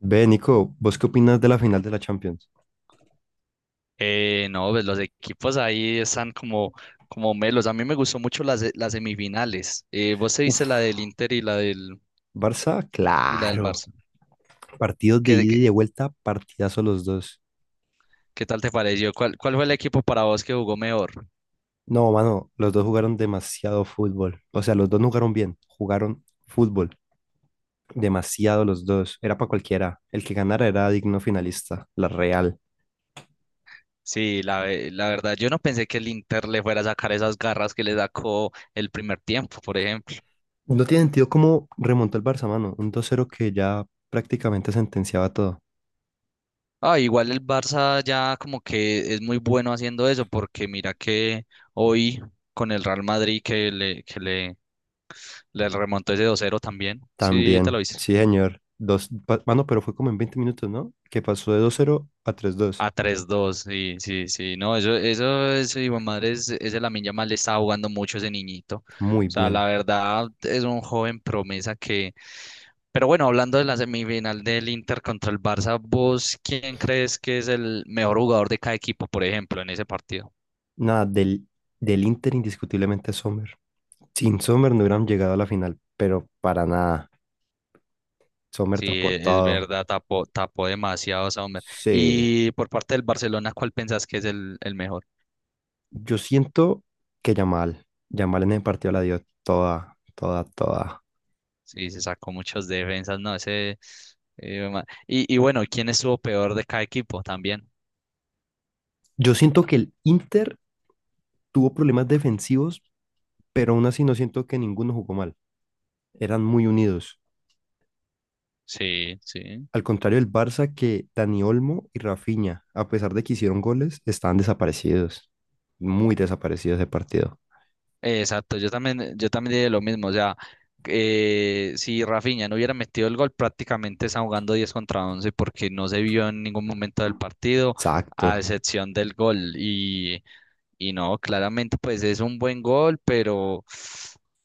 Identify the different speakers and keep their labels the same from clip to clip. Speaker 1: Ve, Nico, ¿vos qué opinas de la final de la Champions?
Speaker 2: No, pues los equipos ahí están como melos. A mí me gustó mucho las semifinales. Vos te viste la
Speaker 1: Uf,
Speaker 2: del Inter
Speaker 1: Barça,
Speaker 2: y la del
Speaker 1: claro.
Speaker 2: Barça.
Speaker 1: Partidos de
Speaker 2: ¿Qué,
Speaker 1: ida
Speaker 2: qué,
Speaker 1: y de vuelta, partidazo los dos.
Speaker 2: ¿qué tal te pareció? ¿ cuál fue el equipo para vos que jugó mejor?
Speaker 1: No, mano, los dos jugaron demasiado fútbol. O sea, los dos no jugaron bien, jugaron fútbol. Demasiado los dos. Era para cualquiera. El que ganara era digno finalista, la Real.
Speaker 2: La verdad, yo no pensé que el Inter le fuera a sacar esas garras que le sacó el primer tiempo, por ejemplo.
Speaker 1: No tiene sentido cómo remontó el Barça, mano. Un 2-0 que ya prácticamente sentenciaba todo.
Speaker 2: Ah, igual el Barça ya como que es muy bueno haciendo eso, porque mira que hoy con el Real Madrid le remontó ese dos cero también. Sí, te
Speaker 1: También,
Speaker 2: lo hice.
Speaker 1: sí, señor. Dos, mano, pero fue como en 20 minutos, ¿no? Que pasó de 2-0 a 3-2.
Speaker 2: A tres dos, sí, sí, sí. No, eso es, hijo de madre, ese Lamine Yamal le está jugando mucho a ese niñito.
Speaker 1: Muy
Speaker 2: O sea,
Speaker 1: bien.
Speaker 2: la verdad es un joven promesa que. Pero bueno, hablando de la semifinal del Inter contra el Barça, ¿vos quién crees que es el mejor jugador de cada equipo, por ejemplo, en ese partido?
Speaker 1: Nada, del Inter indiscutiblemente Sommer. Sin Sommer no hubieran llegado a la final, pero para nada. Sommer tapó
Speaker 2: Es
Speaker 1: todo.
Speaker 2: verdad, tapó demasiado ese hombre.
Speaker 1: Sí.
Speaker 2: Y por parte del Barcelona, ¿cuál pensás que es el mejor?
Speaker 1: Yo siento que Yamal, Yamal en el partido la dio toda, toda, toda.
Speaker 2: Sí, se sacó muchas defensas, no, ese. Y bueno, ¿quién estuvo peor de cada equipo también?
Speaker 1: Yo siento que el Inter tuvo problemas defensivos, pero aún así no siento que ninguno jugó mal. Eran muy unidos.
Speaker 2: Sí, sí.
Speaker 1: Al contrario del Barça, que Dani Olmo y Rafinha, a pesar de que hicieron goles, estaban desaparecidos. Muy desaparecidos de partido.
Speaker 2: Exacto, yo también diría lo mismo, o sea, si Rafinha no hubiera metido el gol, prácticamente está jugando 10 contra 11 porque no se vio en ningún momento del partido, a
Speaker 1: Exacto.
Speaker 2: excepción del gol. Y no, claramente pues es un buen gol, pero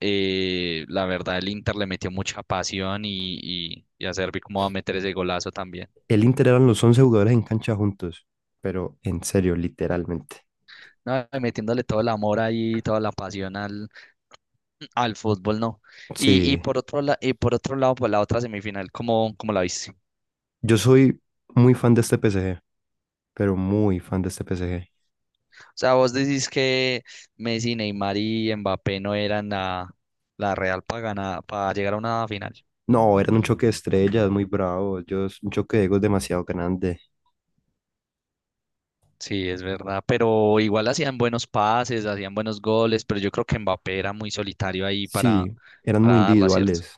Speaker 2: la verdad el Inter le metió mucha pasión y a Servi cómo va a meter ese golazo también.
Speaker 1: El Inter eran los 11 jugadores en cancha juntos, pero en serio, literalmente.
Speaker 2: No, metiéndole todo el amor ahí, toda la pasión al, al fútbol no. Y
Speaker 1: Sí,
Speaker 2: por otro por otro lado, por la otra semifinal, ¿ cómo la viste? O
Speaker 1: yo soy muy fan de este PSG pero muy fan de este PSG.
Speaker 2: sea, vos decís que Messi, Neymar y Mbappé no eran la real para ganar, para llegar a una final.
Speaker 1: No, eran un choque de estrellas muy
Speaker 2: Mm,
Speaker 1: bravo, ellos, un choque de egos demasiado grande.
Speaker 2: sí, es verdad, pero igual hacían buenos pases, hacían buenos goles, pero yo creo que Mbappé era muy solitario
Speaker 1: Sí, eran
Speaker 2: para
Speaker 1: muy
Speaker 2: darla, ¿cierto?
Speaker 1: individuales.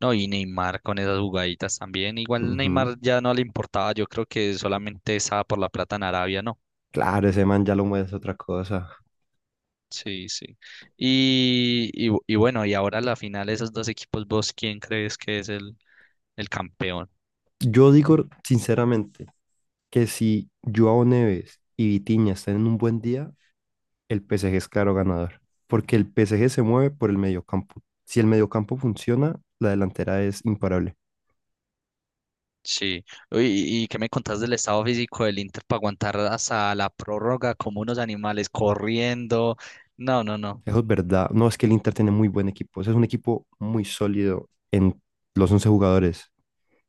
Speaker 2: No, y Neymar con esas jugaditas también. Igual
Speaker 1: Ujú.
Speaker 2: Neymar ya no le importaba, yo creo que solamente estaba por la plata en Arabia, ¿no?
Speaker 1: Claro, ese man ya lo mueve es otra cosa.
Speaker 2: Sí, sí. Y bueno, y ahora la final, esos dos equipos, ¿vos quién crees que es el campeón?
Speaker 1: Yo digo sinceramente que si Joao Neves y Vitinha están en un buen día, el PSG es claro ganador, porque el PSG se mueve por el mediocampo. Si el mediocampo funciona, la delantera es imparable.
Speaker 2: Sí. Uy, ¿ qué me contás del estado físico del Inter para aguantar hasta la prórroga como unos animales corriendo? No, no, no.
Speaker 1: Eso es verdad. No es que el Inter tiene muy buen equipo. Ese es un equipo muy sólido en los once jugadores.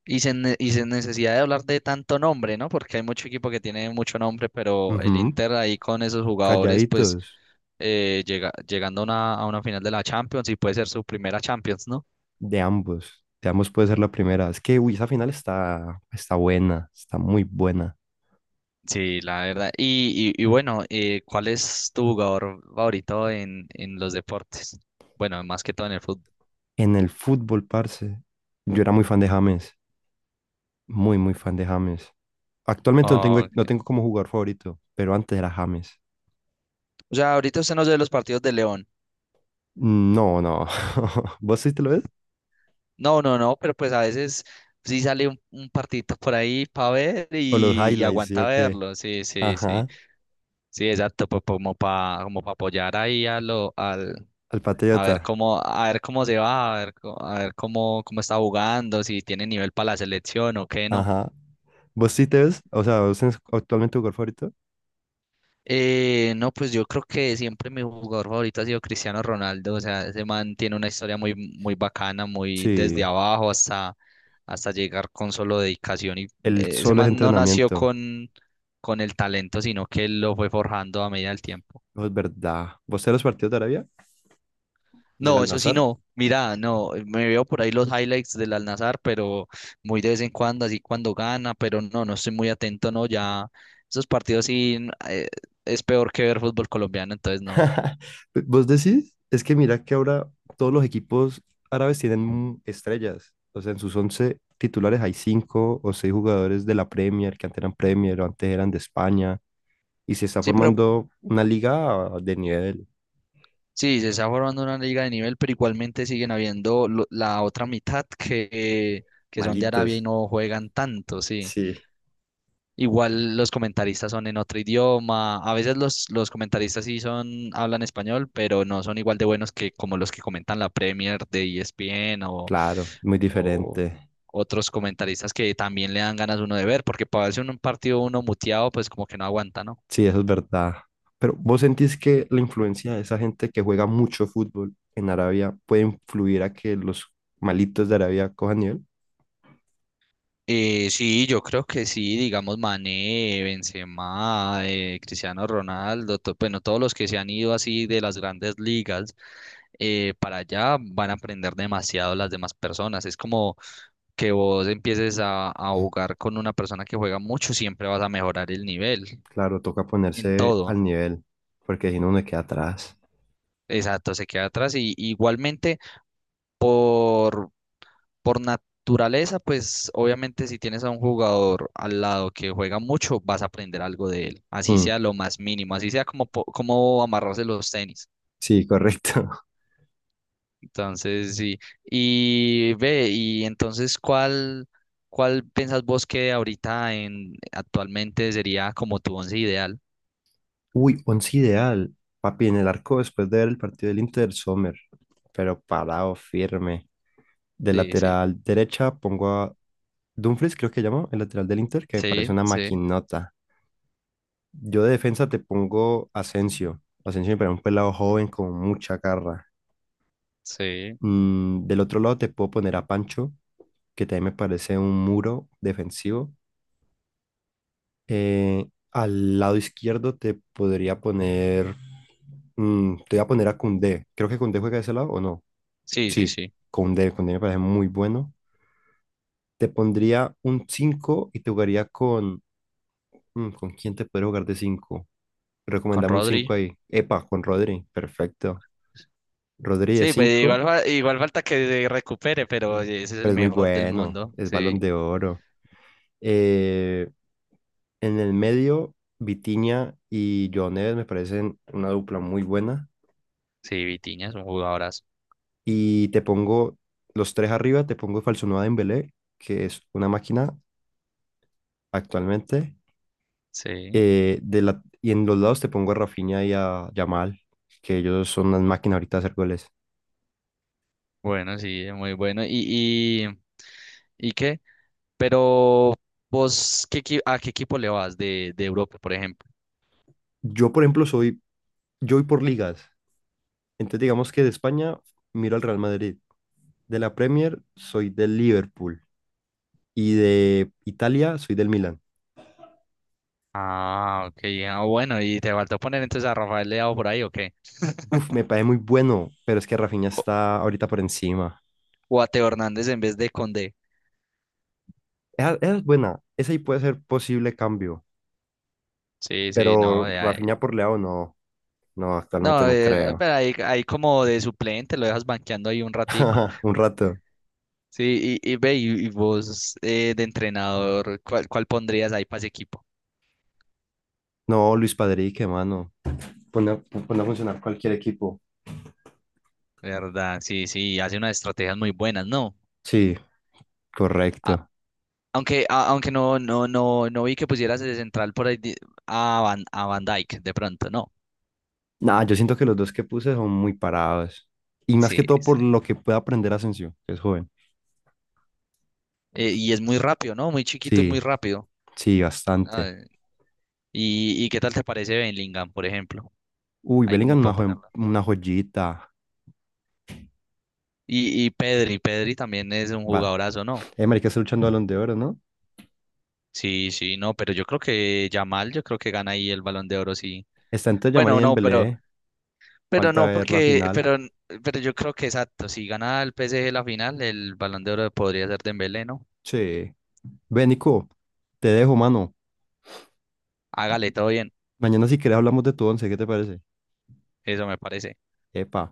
Speaker 2: Y sin necesidad de hablar de tanto nombre, ¿no? Porque hay mucho equipo que tiene mucho nombre, pero el
Speaker 1: Ujú,
Speaker 2: Inter ahí con esos jugadores, pues
Speaker 1: calladitos,
Speaker 2: llegando a a una final de la Champions y puede ser su primera Champions, ¿no?
Speaker 1: de ambos. De ambos puede ser la primera. Es que, uy, esa final está buena, está muy buena.
Speaker 2: Sí, la verdad. Y bueno, ¿cuál es tu jugador favorito en los deportes? Bueno, más que todo en el fútbol.
Speaker 1: En el fútbol, parce, yo era muy fan de James. Muy, muy fan de James. Actualmente no tengo,
Speaker 2: Oh,
Speaker 1: no
Speaker 2: ok.
Speaker 1: tengo como jugador favorito, pero antes era James.
Speaker 2: O sea, ahorita usted no ve los partidos de León.
Speaker 1: Mm, no, no. ¿Vos sí te lo ves?
Speaker 2: No, no, no, pero pues a veces sí sale un partidito por ahí para ver
Speaker 1: ¿O los
Speaker 2: y
Speaker 1: highlights, sí
Speaker 2: aguanta
Speaker 1: o qué?
Speaker 2: verlo. Sí, sí, sí.
Speaker 1: Ajá.
Speaker 2: Sí, exacto, pues como para como pa apoyar ahí a lo, al,
Speaker 1: Al Patriota.
Speaker 2: a ver cómo se va, a ver cómo está jugando, si tiene nivel para la selección o qué no.
Speaker 1: Ajá. ¿Vos sí te ves? O sea, ¿vos tenés actualmente tu gol favorito?
Speaker 2: No, pues yo creo que siempre mi jugador favorito ha sido Cristiano Ronaldo. O sea, ese man tiene una historia muy bacana, muy desde
Speaker 1: Sí.
Speaker 2: abajo hasta llegar con solo dedicación.
Speaker 1: El
Speaker 2: Ese
Speaker 1: solo es
Speaker 2: man no nació
Speaker 1: entrenamiento.
Speaker 2: con el talento, sino que lo fue forjando a medida del tiempo.
Speaker 1: No es verdad. ¿Vos te ves los partidos de Arabia? ¿Del
Speaker 2: No, eso sí
Speaker 1: Al-Nassr?
Speaker 2: no. Mira, no, me veo por ahí los highlights del Al-Nassr, pero muy de vez en cuando, así cuando gana, pero no, no estoy muy atento, no, ya esos partidos sí es peor que ver fútbol colombiano, entonces no.
Speaker 1: ¿Vos decís? Es que mira que ahora todos los equipos árabes tienen estrellas. O sea, en sus 11 titulares hay cinco o seis jugadores de la Premier, que antes eran Premier o antes eran de España. Y se está
Speaker 2: Sí, pero
Speaker 1: formando una liga de nivel.
Speaker 2: sí, se está formando una liga de nivel, pero igualmente siguen habiendo la otra mitad que son de Arabia y
Speaker 1: Malitos.
Speaker 2: no juegan tanto, sí.
Speaker 1: Sí.
Speaker 2: Igual los comentaristas son en otro idioma. A veces los comentaristas sí son, hablan español, pero no son igual de buenos que como los que comentan la Premier de ESPN
Speaker 1: Claro, muy
Speaker 2: o
Speaker 1: diferente.
Speaker 2: otros comentaristas que también le dan ganas uno de ver, porque para verse un partido uno muteado, pues como que no aguanta, ¿no?
Speaker 1: Sí, eso es verdad. Pero ¿vos sentís que la influencia de esa gente que juega mucho fútbol en Arabia puede influir a que los malitos de Arabia cojan nivel?
Speaker 2: Sí, yo creo que sí, digamos Mané, Benzema, Cristiano Ronaldo, bueno, todos los que se han ido así de las grandes ligas para allá van a aprender demasiado las demás personas. Es como que vos empieces a jugar con una persona que juega mucho, siempre vas a mejorar el nivel
Speaker 1: Claro, toca
Speaker 2: en
Speaker 1: ponerse
Speaker 2: todo.
Speaker 1: al nivel, porque si no uno queda atrás.
Speaker 2: Exacto, se queda atrás y igualmente por por naturaleza, pues obviamente si tienes a un jugador al lado que juega mucho, vas a aprender algo de él, así
Speaker 1: Mm,
Speaker 2: sea lo más mínimo, así sea cómo amarrarse los tenis.
Speaker 1: sí, correcto.
Speaker 2: Entonces, sí. Y entonces, ¿ cuál piensas vos que ahorita en actualmente sería como tu once ideal?
Speaker 1: Uy, once ideal. Papi, en el arco después de ver el partido del Inter, Sommer, pero parado, firme. De
Speaker 2: Sí, sí.
Speaker 1: lateral derecha pongo a Dumfries, creo que llama el lateral del Inter, que me parece
Speaker 2: Sí,
Speaker 1: una
Speaker 2: sí,
Speaker 1: maquinota. Yo de defensa te pongo Asensio. Asensio me parece un pelado joven con mucha garra.
Speaker 2: sí.
Speaker 1: Del otro lado te puedo poner a Pancho, que también me parece un muro defensivo. Al lado izquierdo te podría poner... te voy a poner a Koundé. Creo que Koundé juega de ese lado o no.
Speaker 2: Sí, sí,
Speaker 1: Sí,
Speaker 2: sí.
Speaker 1: Koundé. Koundé me parece muy bueno. Te pondría un 5 y te jugaría con... ¿con quién te podría jugar de cinco?
Speaker 2: Con
Speaker 1: Recomendame un 5
Speaker 2: Rodri.
Speaker 1: ahí. Epa, con Rodri. Perfecto. Rodri de
Speaker 2: Sí, pues
Speaker 1: 5,
Speaker 2: igual, igual falta que se recupere, pero oye, ese es el
Speaker 1: pero es muy
Speaker 2: mejor del
Speaker 1: bueno.
Speaker 2: mundo.
Speaker 1: Es Balón
Speaker 2: Sí.
Speaker 1: de Oro. Eh, en el medio, Vitinha y Joao Neves me parecen una dupla muy buena.
Speaker 2: Sí, Vitinha es un jugadorazo.
Speaker 1: Y te pongo los tres arriba, te pongo falso Falsonuada Dembélé, que es una máquina actualmente.
Speaker 2: Sí,
Speaker 1: Y en los lados te pongo a Rafinha y a Yamal, que ellos son unas máquinas ahorita de hacer goles.
Speaker 2: bueno, sí, es muy bueno. ¿ qué? Pero ¿a qué equipo le vas de Europa, por ejemplo?
Speaker 1: Yo, por ejemplo, yo voy por ligas. Entonces digamos que de España miro al Real Madrid, de la Premier soy del Liverpool y de Italia soy del Milan.
Speaker 2: Ah, ok, ah, bueno, ¿y te faltó poner entonces a Rafael Leao por ahí o qué?
Speaker 1: Uf, me parece muy bueno, pero es que Rafinha
Speaker 2: O,
Speaker 1: está ahorita por encima.
Speaker 2: o a Teo Hernández en vez de Condé.
Speaker 1: Esa es buena, esa ahí puede ser posible cambio,
Speaker 2: Sí, sí, no,
Speaker 1: pero Rafinha por Leao no, no, actualmente
Speaker 2: no,
Speaker 1: no creo.
Speaker 2: pero ahí como de suplente lo dejas banqueando ahí un ratico.
Speaker 1: Un rato.
Speaker 2: Sí, y vos de entrenador, ¿ cuál pondrías ahí para ese equipo?
Speaker 1: No, Luis Padrí, qué mano. Pone, pone a funcionar cualquier equipo.
Speaker 2: Verdad, sí, sí, hace unas estrategias muy buenas, ¿no?
Speaker 1: Sí,
Speaker 2: A-
Speaker 1: correcto.
Speaker 2: Aunque no, no, no, no vi que pusieras de central por ahí a Van Dijk, de pronto, no.
Speaker 1: Nah, yo siento que los dos que puse son muy parados. Y más
Speaker 2: Sí,
Speaker 1: que todo por
Speaker 2: sí.
Speaker 1: lo que puede aprender Asensio, que es joven.
Speaker 2: Y es muy rápido, ¿no? Muy chiquito y muy
Speaker 1: Sí,
Speaker 2: rápido.
Speaker 1: sí,
Speaker 2: Ah,
Speaker 1: bastante.
Speaker 2: ¿y qué tal te parece Bellingham, por ejemplo?
Speaker 1: Uy,
Speaker 2: Ahí como
Speaker 1: Bellingham es una,
Speaker 2: para
Speaker 1: joven-
Speaker 2: ponerla.
Speaker 1: una joyita.
Speaker 2: Y Pedri, Pedri también es un
Speaker 1: Va.
Speaker 2: jugadorazo, ¿no?
Speaker 1: Marica está luchando Balón de Oro, ¿no?
Speaker 2: Sí, sí, no, pero yo creo que Yamal, yo creo que gana ahí el Balón de Oro, sí.
Speaker 1: Está entre Yamal y
Speaker 2: Bueno, no,
Speaker 1: Dembélé.
Speaker 2: pero
Speaker 1: Falta
Speaker 2: no,
Speaker 1: ver la
Speaker 2: porque,
Speaker 1: final.
Speaker 2: pero yo creo que exacto, si gana el PSG la final, el Balón de Oro podría ser Dembélé, ¿no?
Speaker 1: Sí. Ve, Nico, te dejo, mano.
Speaker 2: Hágale todo bien,
Speaker 1: Mañana si querés hablamos de tu once, ¿qué te parece?
Speaker 2: eso me parece.
Speaker 1: Epa.